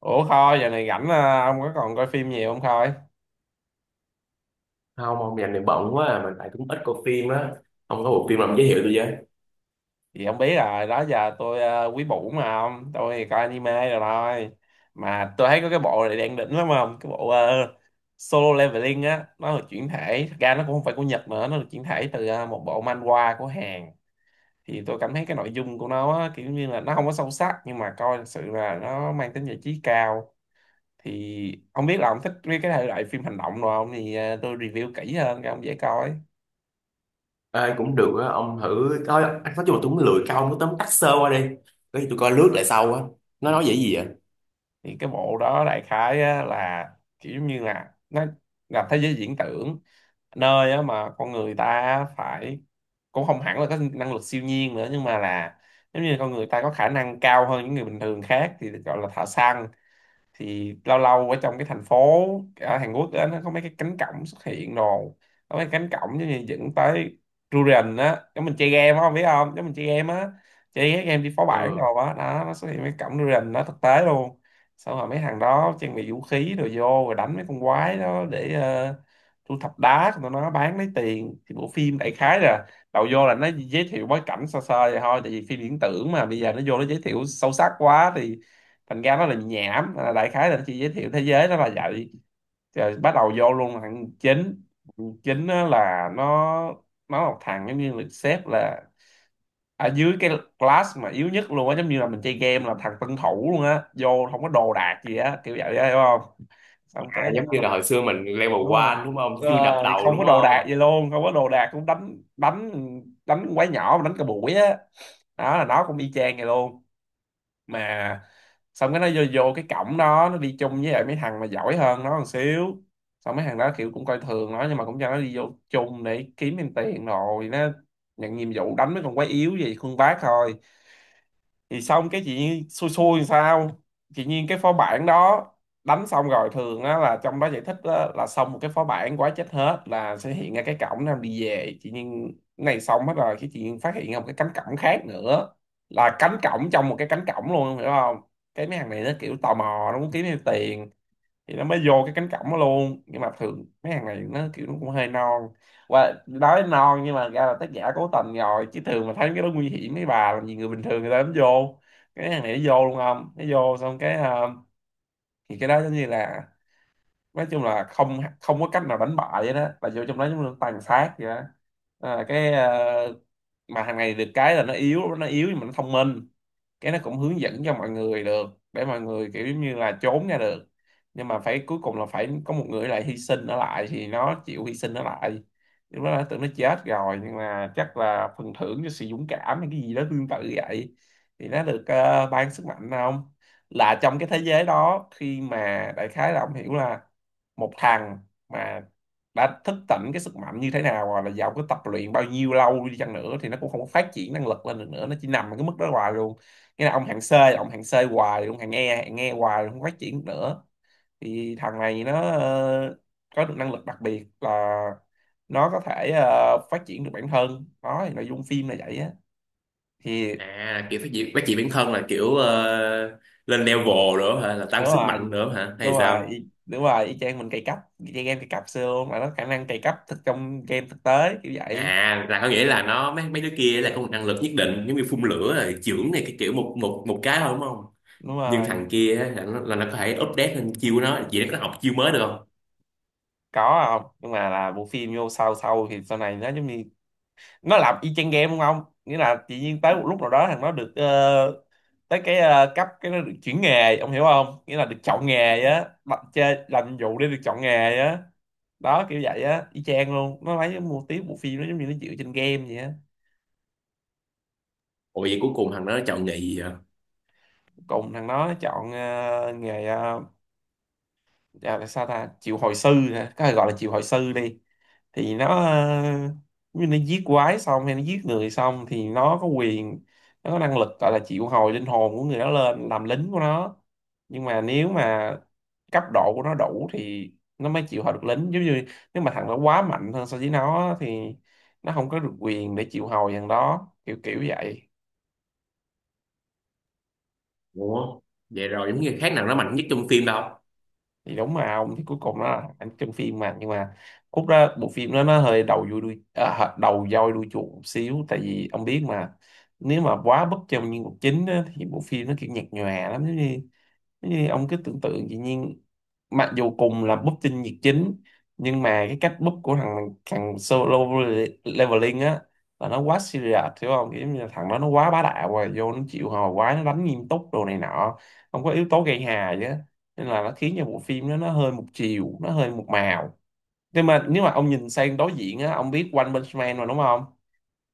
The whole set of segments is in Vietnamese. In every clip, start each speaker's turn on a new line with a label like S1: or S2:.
S1: Ủa Khôi, giờ này rảnh à, ông có còn coi phim nhiều không Khôi?
S2: Không, ông dành này bận quá à. Mà tại cũng ít coi phim á. Ông có bộ phim nào ông giới thiệu tôi với.
S1: Thì ông biết rồi, đó giờ tôi à, quý bủ mà ông, tôi thì coi anime rồi thôi. Mà tôi thấy có cái bộ này đang đỉnh lắm không? Cái bộ Solo Leveling á, nó được chuyển thể, thật ra nó cũng không phải của Nhật nữa, nó được chuyển thể từ một bộ manhwa của Hàn. Thì tôi cảm thấy cái nội dung của nó á, kiểu như là nó không có sâu sắc, nhưng mà coi thật sự là nó mang tính giải trí cao. Thì ông biết là ông thích cái thể loại phim hành động rồi không? Thì tôi review kỹ hơn cho ông dễ coi.
S2: Ai cũng được á, ông thử coi. Anh nói chung là tôi cũng lười coi, ông cứ tóm tắt sơ qua đi. Cái gì tôi coi lướt lại sau á. Nó nói về
S1: Ừ.
S2: cái gì vậy?
S1: Thì cái bộ đó đại khái á, là kiểu giống như là nó là thế giới viễn tưởng, nơi á, mà con người ta phải, cũng không hẳn là có năng lực siêu nhiên nữa, nhưng mà là giống như con người ta có khả năng cao hơn những người bình thường khác thì được gọi là thợ săn. Thì lâu lâu ở trong cái thành phố ở Hàn Quốc á, nó có mấy cái cánh cổng xuất hiện, rồi có mấy cánh cổng giống như dẫn tới Durian á, giống mình chơi game á, không biết không, giống mình chơi game á, chơi cái game đi phó bản rồi
S2: Ờ,
S1: á đó, nó xuất hiện mấy cổng Durian nó thực tế luôn. Xong rồi mấy thằng đó trang bị vũ khí rồi vô, rồi đánh mấy con quái đó để thu thập đá của tụi nó bán lấy tiền. Thì bộ phim đại khái là đầu vô là nó giới thiệu bối cảnh sơ sơ vậy thôi, tại vì phim viễn tưởng mà bây giờ nó vô nó giới thiệu sâu sắc quá thì thành ra nó là nhảm à, đại khái là nó chỉ giới thiệu thế giới nó là vậy, rồi bắt đầu vô luôn thằng chính. Thằng chính á là nó là một thằng giống như được xếp là ở dưới cái class mà yếu nhất luôn á, giống như là mình chơi game là thằng tân thủ luôn á, vô không có đồ đạc gì á, kiểu vậy á, hiểu không? Xong cái
S2: giống như là
S1: um,
S2: hồi xưa mình level
S1: đúng rồi.
S2: one đúng không,
S1: Đúng
S2: chưa nạp
S1: rồi,
S2: đầu
S1: không
S2: đúng
S1: có đồ đạc
S2: không?
S1: gì luôn, không có đồ đạc cũng đánh đánh đánh quái nhỏ mà đánh cả buổi á, đó là nó cũng y chang vậy luôn. Mà xong cái nó vô cái cổng đó nó đi chung với lại mấy thằng mà giỏi hơn nó một xíu. Xong mấy thằng đó kiểu cũng coi thường nó nhưng mà cũng cho nó đi vô chung để kiếm thêm tiền, rồi nó nhận nhiệm vụ đánh mấy con quái yếu gì, khuân vác thôi. Thì xong cái chị Nhiên xui xui làm sao, chị Nhiên cái phó bản đó đánh xong rồi thường á, là trong đó giải thích á, là xong một cái phó bản quá, chết hết là sẽ hiện ra cái cổng nam đi về. Chị Nhiên cái này xong hết rồi, cái chị Nhiên phát hiện ra một cái cánh cổng khác nữa, là cánh cổng trong một cái cánh cổng luôn, hiểu không? Cái mấy thằng này nó kiểu tò mò, nó muốn kiếm thêm tiền thì nó mới vô cái cánh cổng đó luôn. Nhưng mà thường mấy hàng này nó kiểu nó cũng hơi non, và nói non nhưng mà ra là tác giả cố tình rồi chứ thường mà thấy cái đó nguy hiểm mấy bà làm gì người bình thường người ta dám vô. Cái hàng này nó vô luôn, không, nó vô xong cái thì cái đó giống như là nói chung là không không có cách nào đánh bại vậy đó, là vô trong đó giống như tàn sát vậy đó. à, cái ờ, mà thằng này được cái là nó yếu, nó yếu nhưng mà nó thông minh, cái nó cũng hướng dẫn cho mọi người được, để mọi người kiểu giống như là trốn ra được. Nhưng mà phải cuối cùng là phải có một người lại hy sinh nó lại, thì nó chịu hy sinh nó lại. Lúc đó nó tưởng nó chết rồi nhưng mà chắc là phần thưởng cho sự dũng cảm hay cái gì đó tương tự vậy, thì nó được ban sức mạnh không. Là trong cái thế giới đó, khi mà đại khái là ông hiểu là một thằng mà đã thức tỉnh cái sức mạnh như thế nào, hoặc là giàu cái tập luyện bao nhiêu lâu đi chăng nữa thì nó cũng không có phát triển năng lực lên được nữa, nó chỉ nằm ở cái mức đó hoài luôn. Nghĩa là ông hạng C là ông hạng C hoài, ông hạng E hạng E hoài, không phát triển được nữa. Thì thằng này nó có được năng lực đặc biệt là nó có thể phát triển được bản thân, đó thì nội dung phim là vậy á. Thì
S2: À, kiểu phát triển bản thân là kiểu, lên level nữa hả, là tăng
S1: đúng
S2: sức
S1: rồi,
S2: mạnh nữa hả
S1: đúng
S2: hay
S1: rồi,
S2: sao?
S1: đúng rồi, y chang mình cày cấp, y chang game cày cặp xưa luôn, mà nó khả năng cày cấp thực trong game thực tế kiểu vậy.
S2: À, là có nghĩa là nó, mấy mấy đứa kia là có một năng lực nhất định, giống như phun lửa rồi chưởng này, cái kiểu một một một cái thôi đúng không?
S1: Đúng
S2: Nhưng
S1: rồi.
S2: thằng kia á, là nó có thể update lên chiêu của nó, chỉ nó có học chiêu mới được không?
S1: Có không, nhưng mà là bộ phim vô sau sau thì sau này nó giống như nó làm y chang game đúng không, nghĩa là tự nhiên tới một lúc nào đó thằng nó được tới cái cấp, cái nó được chuyển nghề, ông hiểu không, nghĩa là được chọn nghề á, bắt chơi làm nhiệm vụ để được chọn nghề á. Đó kiểu vậy á, y chang luôn, nó lấy cái mô típ bộ phim nó giống như nó dựa trên game vậy á.
S2: Ủa vậy cuối cùng thằng đó nó chọn nghị vậy à?
S1: Cùng thằng nó chọn nghề à, sao ta, triệu hồi sư hả, có thể gọi là triệu hồi sư đi. Thì nó như nó giết quái xong hay nó giết người xong thì nó có quyền, nó có năng lực gọi là triệu hồi linh hồn của người đó lên làm lính của nó. Nhưng mà nếu mà cấp độ của nó đủ thì nó mới chịu hồi được lính, giống như nếu mà thằng đó quá mạnh hơn so với nó thì nó không có được quyền để chịu hồi thằng đó, kiểu kiểu vậy.
S2: Ủa vậy rồi giống như khác nào nó mạnh nhất trong phim đâu.
S1: Thì đúng mà ông, thì cuối cùng nó là ảnh trong phim mà, nhưng mà cút ra bộ phim đó nó hơi đầu voi đuôi chuột một xíu, tại vì ông biết mà, nếu mà quá bất trong nhân vật chính á, thì bộ phim nó kiểu nhạt nhòa lắm, giống như thế thì ông cứ tưởng tượng dĩ nhiên, mặc dù cùng là búp tinh nhiệt chính nhưng mà cái cách búp của thằng thằng solo leveling á là nó quá serious, hiểu không, kiểu như là thằng đó nó quá bá đạo rồi vô nó chịu hò quá, nó đánh nghiêm túc đồ này nọ, không có yếu tố gây hài chứ. Nên là nó khiến cho bộ phim đó nó hơi một chiều, nó hơi một màu. Nhưng mà nếu mà ông nhìn sang đối diện á, ông biết One Punch Man mà đúng không?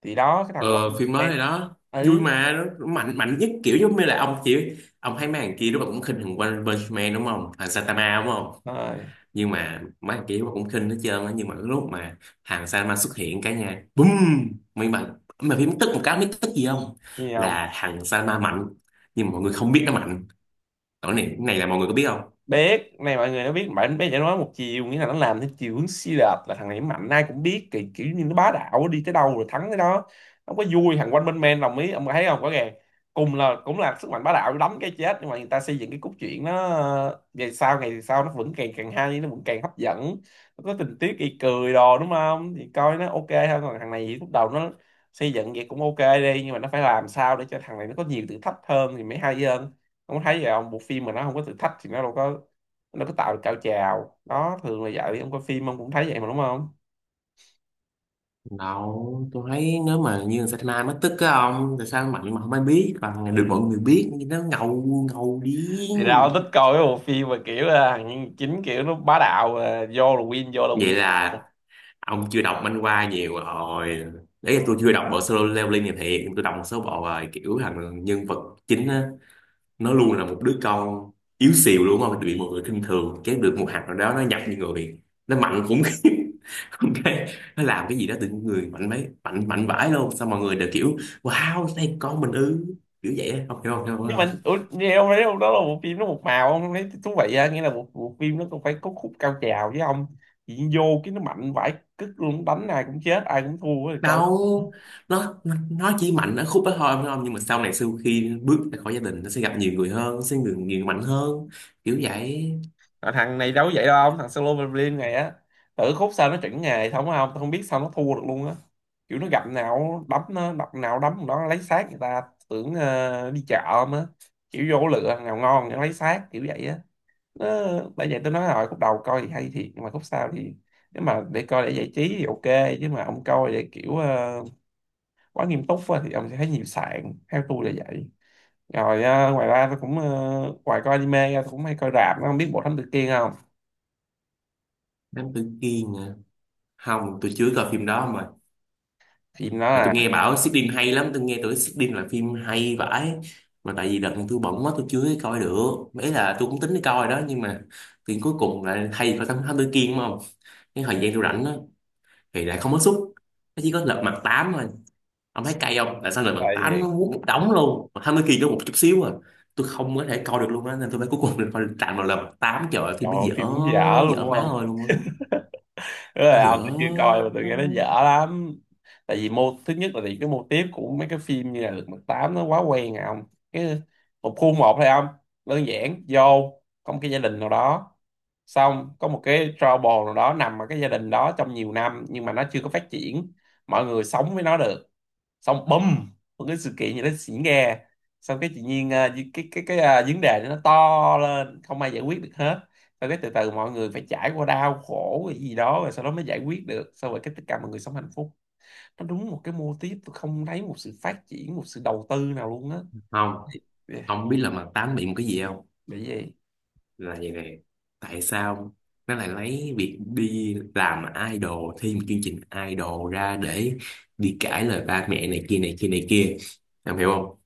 S1: Thì đó, cái thằng One
S2: Ờ phim
S1: Punch
S2: mới
S1: Man.
S2: rồi đó vui
S1: Ừ.
S2: mà nó mạnh, mạnh nhất kiểu giống như là ông chỉ, ông thấy mấy thằng kia lúc nào cũng khinh thằng One Punch Man đúng không, thằng Saitama đúng không?
S1: Rồi.
S2: Nhưng mà mấy thằng kia lúc nào cũng khinh hết trơn á, nhưng mà cái lúc mà thằng Saitama xuất hiện cả nhà, bùm. Mình mà phim tức một cái, biết tức gì không?
S1: Gì?
S2: Là thằng Saitama mạnh nhưng mà mọi người không biết nó mạnh. Cái này, cái này là mọi người có biết không?
S1: Biết này, mọi người nó biết, bạn bé chỉ nói một chiều, nghĩa là nó làm theo chiều hướng Xi Lạp là thằng này nó mạnh ai cũng biết, kiểu như nó bá đạo đi tới đâu rồi thắng tới đó, không có vui. Thằng quanh bên men đồng ý, ông thấy không rõ ràng, cùng là cũng là sức mạnh bá đạo đấm cái chết, nhưng mà người ta xây dựng cái cốt truyện nó ngày sau nó vẫn càng càng hay, nó vẫn càng hấp dẫn, nó có tình tiết gây cười đồ đúng không, thì coi nó ok hơn. Còn thằng này thì lúc đầu nó xây dựng vậy cũng ok đi, nhưng mà nó phải làm sao để cho thằng này nó có nhiều thử thách hơn thì mới hay hơn. Ông có thấy vậy không, bộ phim mà nó không có thử thách thì nó đâu có, nó có tạo được cao trào đó, thường là vậy, ông coi phim ông cũng thấy vậy mà đúng không?
S2: Đâu tôi thấy nếu mà như Saitama Mai mất tích á ông, tại sao mạnh mà không ai biết, còn được mọi người biết nhưng nó ngầu, ngầu
S1: Thì
S2: điên.
S1: ra ông thích coi cái bộ phim mà kiểu là thằng nhân chính kiểu nó bá đạo à, vô là win, vô là
S2: Vậy
S1: win.
S2: là ông chưa đọc manh hoa nhiều rồi. Đấy là tôi chưa đọc bộ solo leveling này thiệt. Tôi đọc một số bộ rồi, kiểu thằng nhân vật chính á, nó luôn là một đứa con yếu xìu đúng không, bị mọi người khinh thường, cái được một hạt nào đó nó nhập như người, nó mạnh khủng khiếp. Không, cái nó làm cái gì đó tự nhiên người mạnh mấy, mạnh mạnh vãi luôn, xong mọi người đều kiểu wow đây con mình ư, kiểu vậy á. Không hiểu, không hiểu
S1: Nhưng mà
S2: không
S1: ủa, nghe ông thấy không, đó là bộ phim nó một màu, ông không thấy thú vị á, nghĩa là bộ phim nó cũng phải có khúc cao trào với ông. Chỉ vô cái nó mạnh vãi cứt luôn, đánh ai cũng chết, ai cũng thua thì coi.
S2: Đâu, nó chỉ mạnh ở khúc đó thôi phải không, nhưng mà sau này sau khi bước ra khỏi gia đình nó sẽ gặp nhiều người hơn, sẽ người nhiều người mạnh hơn, kiểu vậy.
S1: À, thằng này đâu có vậy đâu ông. Thằng solo Berlin này á, tự khúc sao nó chuẩn nghề, không không tôi không biết sao nó thua được luôn á. Kiểu nó gặp nào đấm, nó đập nào đấm, nó lấy xác người ta, tưởng đi chợ không á. Kiểu vô lựa thằng nào ngon nó lấy xác, kiểu vậy á. Nó, bởi vậy tôi nói rồi, khúc đầu coi thì hay thiệt nhưng mà khúc sau thì, nếu mà để coi để giải trí thì ok, chứ mà ông coi để kiểu quá nghiêm túc á, thì ông sẽ thấy nhiều sạn, theo tôi là vậy. Rồi ngoài ra tôi cũng ngoài coi anime ra tôi cũng hay coi rạp. Nó không biết bộ thánh Tử Kiên không?
S2: Đám tử kiên à? Không, tôi chưa coi phim đó mà.
S1: Phim nó
S2: Mà tôi
S1: là.
S2: nghe bảo Sydney hay lắm, tôi nghe tưởng Sydney là phim hay vãi. Mà tại vì đợt này tôi bận quá tôi chưa coi được mấy, là tôi cũng tính đi coi đó nhưng mà thì cuối cùng là thay phải thám thám tử Kiên đúng không. Cái thời gian tôi rảnh đó thì lại không có suất, nó chỉ có lật mặt tám thôi. Ông thấy cay không, tại sao lật mặt
S1: Coi
S2: tám
S1: thiệt.
S2: nó muốn một đống luôn mà thám tử Kiên có một chút xíu à. Tôi không có thể coi được luôn á, nên tôi mới cuối cùng là phải tạm vào lật mặt tám. Trời ơi phim
S1: Trời
S2: nó
S1: ơi,
S2: dở,
S1: phim đúng dở luôn
S2: dở
S1: đúng
S2: má
S1: không?
S2: ơi luôn á.
S1: Tức
S2: Nó
S1: là ông, tôi
S2: dở.
S1: chưa coi mà tôi nghe nó dở lắm. Tại vì mô, thứ nhất là vì cái mô típ của mấy cái phim như là Lật Mặt Tám nó quá quen à ông. Cái, một khuôn một thôi ông. Đơn giản vô có một cái gia đình nào đó. Xong có một cái trouble nào đó nằm ở cái gia đình đó trong nhiều năm nhưng mà nó chưa có phát triển. Mọi người sống với nó được, xong bùm, một cái sự kiện gì đó xỉ nghe, xong cái tự nhiên cái vấn đề nó to lên, không ai giải quyết được hết. Xong cái từ từ mọi người phải trải qua đau khổ cái gì đó, rồi sau đó mới giải quyết được, xong rồi cái tất cả mọi người sống hạnh phúc. Nó đúng một cái mô típ, tôi không thấy một sự phát triển, một sự đầu tư nào luôn á.
S2: Không,
S1: Yeah.
S2: ông biết lật mặt tám bị một cái gì không?
S1: Bị gì?
S2: Là vậy này, tại sao nó lại lấy việc đi làm idol, thi một chương trình idol ra để đi cãi lời ba mẹ này kia này kia này kia, em hiểu không?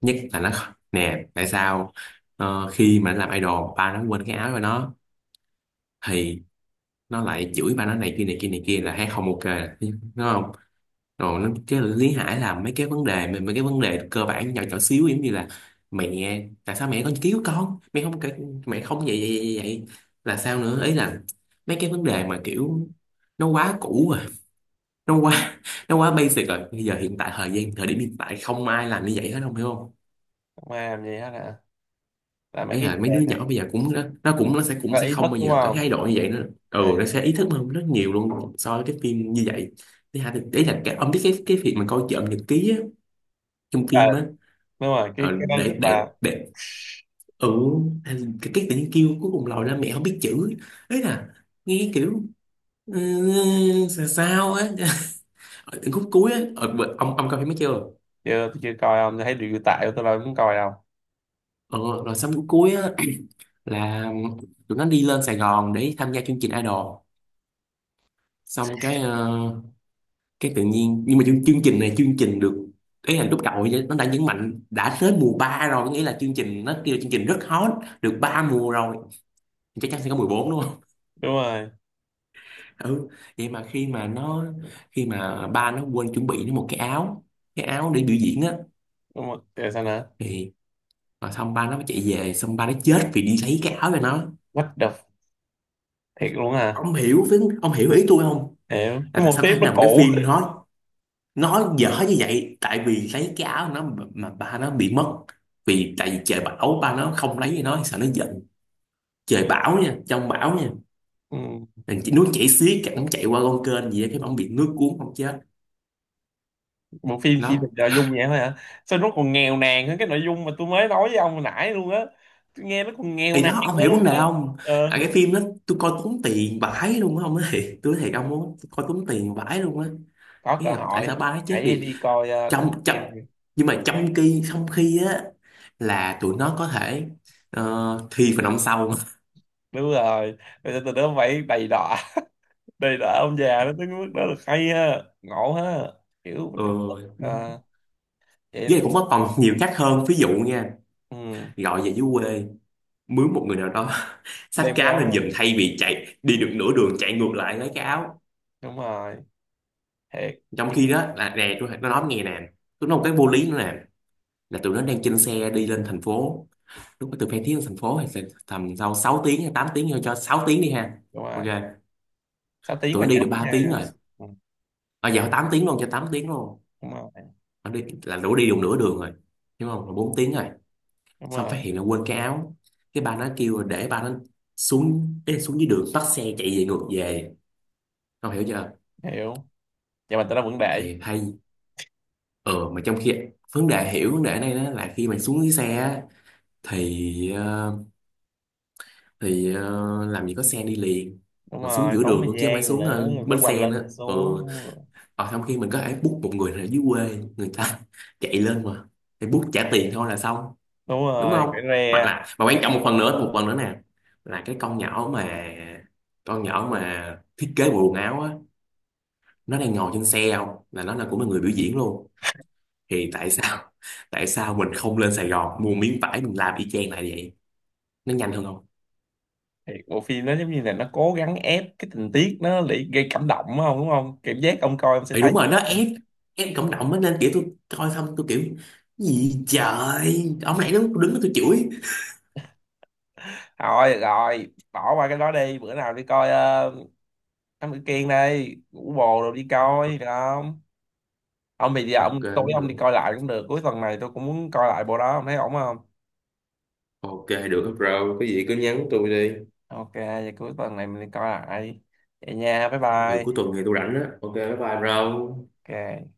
S2: Nhất là nó, nè tại sao, khi mà nó làm idol ba nó quên cái áo của nó, thì nó lại chửi ba nó này kia này kia này kia, là thấy không ok đúng không? Rồi nó, cái Lý Hải là mấy cái vấn đề mà, mấy cái vấn đề cơ bản nhỏ nhỏ xíu giống như là mẹ tại sao mẹ con cứu con mẹ không kể, mẹ không vậy vậy vậy, vậy. Là sao nữa, ấy là mấy cái vấn đề mà kiểu, nó quá cũ rồi, nó quá nó quá basic rồi. Bây giờ hiện tại, thời gian thời điểm hiện tại không ai làm như vậy hết, không hiểu không?
S1: Không ai làm gì hết à? Là mấy
S2: Ấy
S1: cái
S2: là mấy
S1: đề
S2: đứa
S1: này.
S2: nhỏ bây giờ cũng nó cũng, nó sẽ cũng
S1: Có
S2: sẽ
S1: ý
S2: không
S1: thức
S2: bao
S1: đúng
S2: giờ có
S1: không?
S2: thái độ như vậy nữa. Ừ,
S1: À,
S2: nó sẽ ý thức hơn rất nhiều luôn so với cái phim như vậy. Thứ hai thì, ý là cái, ông biết cái việc mà coi trộm nhật ký á, trong
S1: à
S2: phim á.
S1: đúng rồi, cái
S2: Ờ,
S1: cái đó tức
S2: để để
S1: là.
S2: để Ừ, hay, cái tự nhiên kêu cuối cùng lòi ra mẹ không biết chữ, ấy là nghe kiểu, ừ, sao sao á. Ở khúc cuối á, ông coi phim mới chưa?
S1: Chưa, tôi chưa coi, không tôi thấy review tại tôi đâu muốn coi đâu.
S2: Ờ, rồi xong khúc cuối á. Là tụi nó đi lên Sài Gòn để tham gia chương trình Idol, xong cái cái tự nhiên, nhưng mà chương trình này chương trình được, ấy là lúc đầu ấy nó đã nhấn mạnh đã tới mùa 3 rồi, có nghĩa là chương trình nó kêu là chương trình rất hot, được 3 mùa rồi chắc chắn sẽ có mùa 4 đúng.
S1: Đúng rồi.
S2: Ừ, vậy mà khi mà ba nó quên chuẩn bị nó một cái áo, cái áo để biểu diễn á,
S1: Đúng rồi, rồi sao nữa?
S2: thì mà xong ba nó chạy về, xong ba nó chết vì đi lấy cái áo cho nó.
S1: What the. Thiệt luôn à?
S2: Ông hiểu, với ông hiểu ý tôi không?
S1: Hiểu,
S2: Là
S1: cái mô
S2: tại sao có
S1: típ
S2: thể
S1: nó
S2: làm cái
S1: cũ.
S2: phim nói dở như vậy, tại vì lấy cái áo nó, mà ba nó bị mất, vì tại vì trời bão, ba nó không lấy cho nó sợ nó giận, trời bão nha, trong bão nha.
S1: Ừ.
S2: Thì nó chạy xiết, nó chạy qua con kênh gì á, cái ông bị nước cuốn không chết.
S1: Bộ phim chỉ được
S2: Nó,
S1: nội dung vậy thôi hả? Sao nó còn nghèo nàn hơn cái nội dung mà tôi mới nói với ông hồi nãy luôn á, tôi nghe nó còn nghèo
S2: thì
S1: nàn
S2: đó ông
S1: nữa
S2: hiểu vấn
S1: luôn
S2: đề
S1: á.
S2: không?
S1: Ờ,
S2: À, cái phim đó tôi coi tốn tiền vãi luôn á ông nói. Tôi nói thiệt ông, muốn coi tốn tiền vãi luôn á.
S1: có
S2: Nghĩa
S1: cơ
S2: là tại
S1: hội
S2: sao ba nó chết
S1: hãy
S2: vì,
S1: đi coi Thám
S2: trong trong
S1: Kiên đi.
S2: nhưng mà trong khi á là tụi nó có thể thi phần năm sau.
S1: Đúng rồi, bây giờ từ đó phải đầy đọa. Đầy đọa ông già đó tới cái mức đó là hay ha, ngộ ha, kiểu mình trục tức.
S2: Ừ.
S1: Ờ,
S2: Với lại
S1: vậy.
S2: cũng có còn nhiều cách hơn, ví dụ nha,
S1: Ừ.
S2: gọi về dưới quê mướn một người nào đó xách
S1: Đem
S2: cái
S1: ra
S2: áo lên giùm,
S1: không?
S2: thay vì chạy đi được nửa đường chạy ngược lại lấy cái áo.
S1: Đúng rồi. Thiệt.
S2: Trong khi đó là nè tôi nó nói nghe nè, tôi nói một cái vô lý nữa nè, là tụi nó đang trên xe đi lên thành phố, lúc mà từ Phan Thiết lên thành phố thì sẽ tầm sau 6 tiếng hay 8 tiếng, cho 6 tiếng đi ha.
S1: Đúng
S2: Ok,
S1: rồi, sáu tiếng
S2: tụi
S1: là
S2: nó đi
S1: nhanh
S2: được 3 tiếng
S1: nha.
S2: rồi.
S1: Ừ,
S2: À, giờ 8 tiếng luôn, cho 8 tiếng luôn,
S1: đúng rồi.
S2: nó đi là đủ đi được nửa đường rồi, đúng không, là 4 tiếng rồi.
S1: Đúng
S2: Xong phát
S1: rồi.
S2: hiện là quên cái áo, cái ba nó kêu để ba nó xuống, ý là xuống dưới đường bắt xe chạy về ngược về, không hiểu chưa?
S1: Hiểu. Vậy mà tao nó vẫn để.
S2: Thì hay, ờ mà trong khi vấn đề, hiểu vấn đề này đó là khi mà xuống dưới xe á, thì làm gì có xe đi liền,
S1: Đúng
S2: mà xuống
S1: rồi,
S2: giữa
S1: tốn
S2: đường
S1: thời
S2: luôn chứ không phải
S1: gian rồi
S2: xuống
S1: nữa, rồi phải
S2: bến
S1: quành
S2: xe
S1: lên
S2: nữa.
S1: quành xuống,
S2: Ừ.
S1: đúng rồi.
S2: Ở trong khi mình có thể book một người ở dưới quê người ta chạy lên mà, thì book trả tiền thôi là xong
S1: Đúng
S2: đúng
S1: rồi, phải
S2: không? Hoặc
S1: re.
S2: là mà quan trọng, một phần nữa nè, là cái con nhỏ mà, con nhỏ mà thiết kế bộ quần áo á, nó đang ngồi trên xe, không là nó là cũng là người biểu diễn luôn, thì tại sao tại sao mình không lên Sài Gòn mua miếng vải mình làm y chang lại, vậy nó nhanh hơn không?
S1: Thì bộ phim nó giống như là nó cố gắng ép cái tình tiết nó để gây cảm động, đúng không? Đúng không, cảm giác ông coi ông sẽ
S2: Thì
S1: thấy.
S2: đúng rồi nó ép, ép cộng đồng á, nên kiểu tôi coi xong tôi kiểu gì trời, ông này nó đứng đó tôi chửi.
S1: Rồi rồi, bỏ qua cái đó đi, bữa nào đi coi. Uh, Thám Tử Kiên đây, ngủ bồ rồi đi coi được không? Ông thì giờ
S2: Ok
S1: ông tối
S2: cũng
S1: ông
S2: được,
S1: đi coi lại cũng được, cuối tuần này tôi cũng muốn coi lại bộ đó, ông thấy ổn không?
S2: ok được bro, cái gì cứ nhắn tôi đi.
S1: Ok, vậy cuối tuần này mình đi coi lại. Vậy nha, bye
S2: Ừ, cuối
S1: bye.
S2: tuần thì tôi rảnh á, ok bye bye bro.
S1: Ok.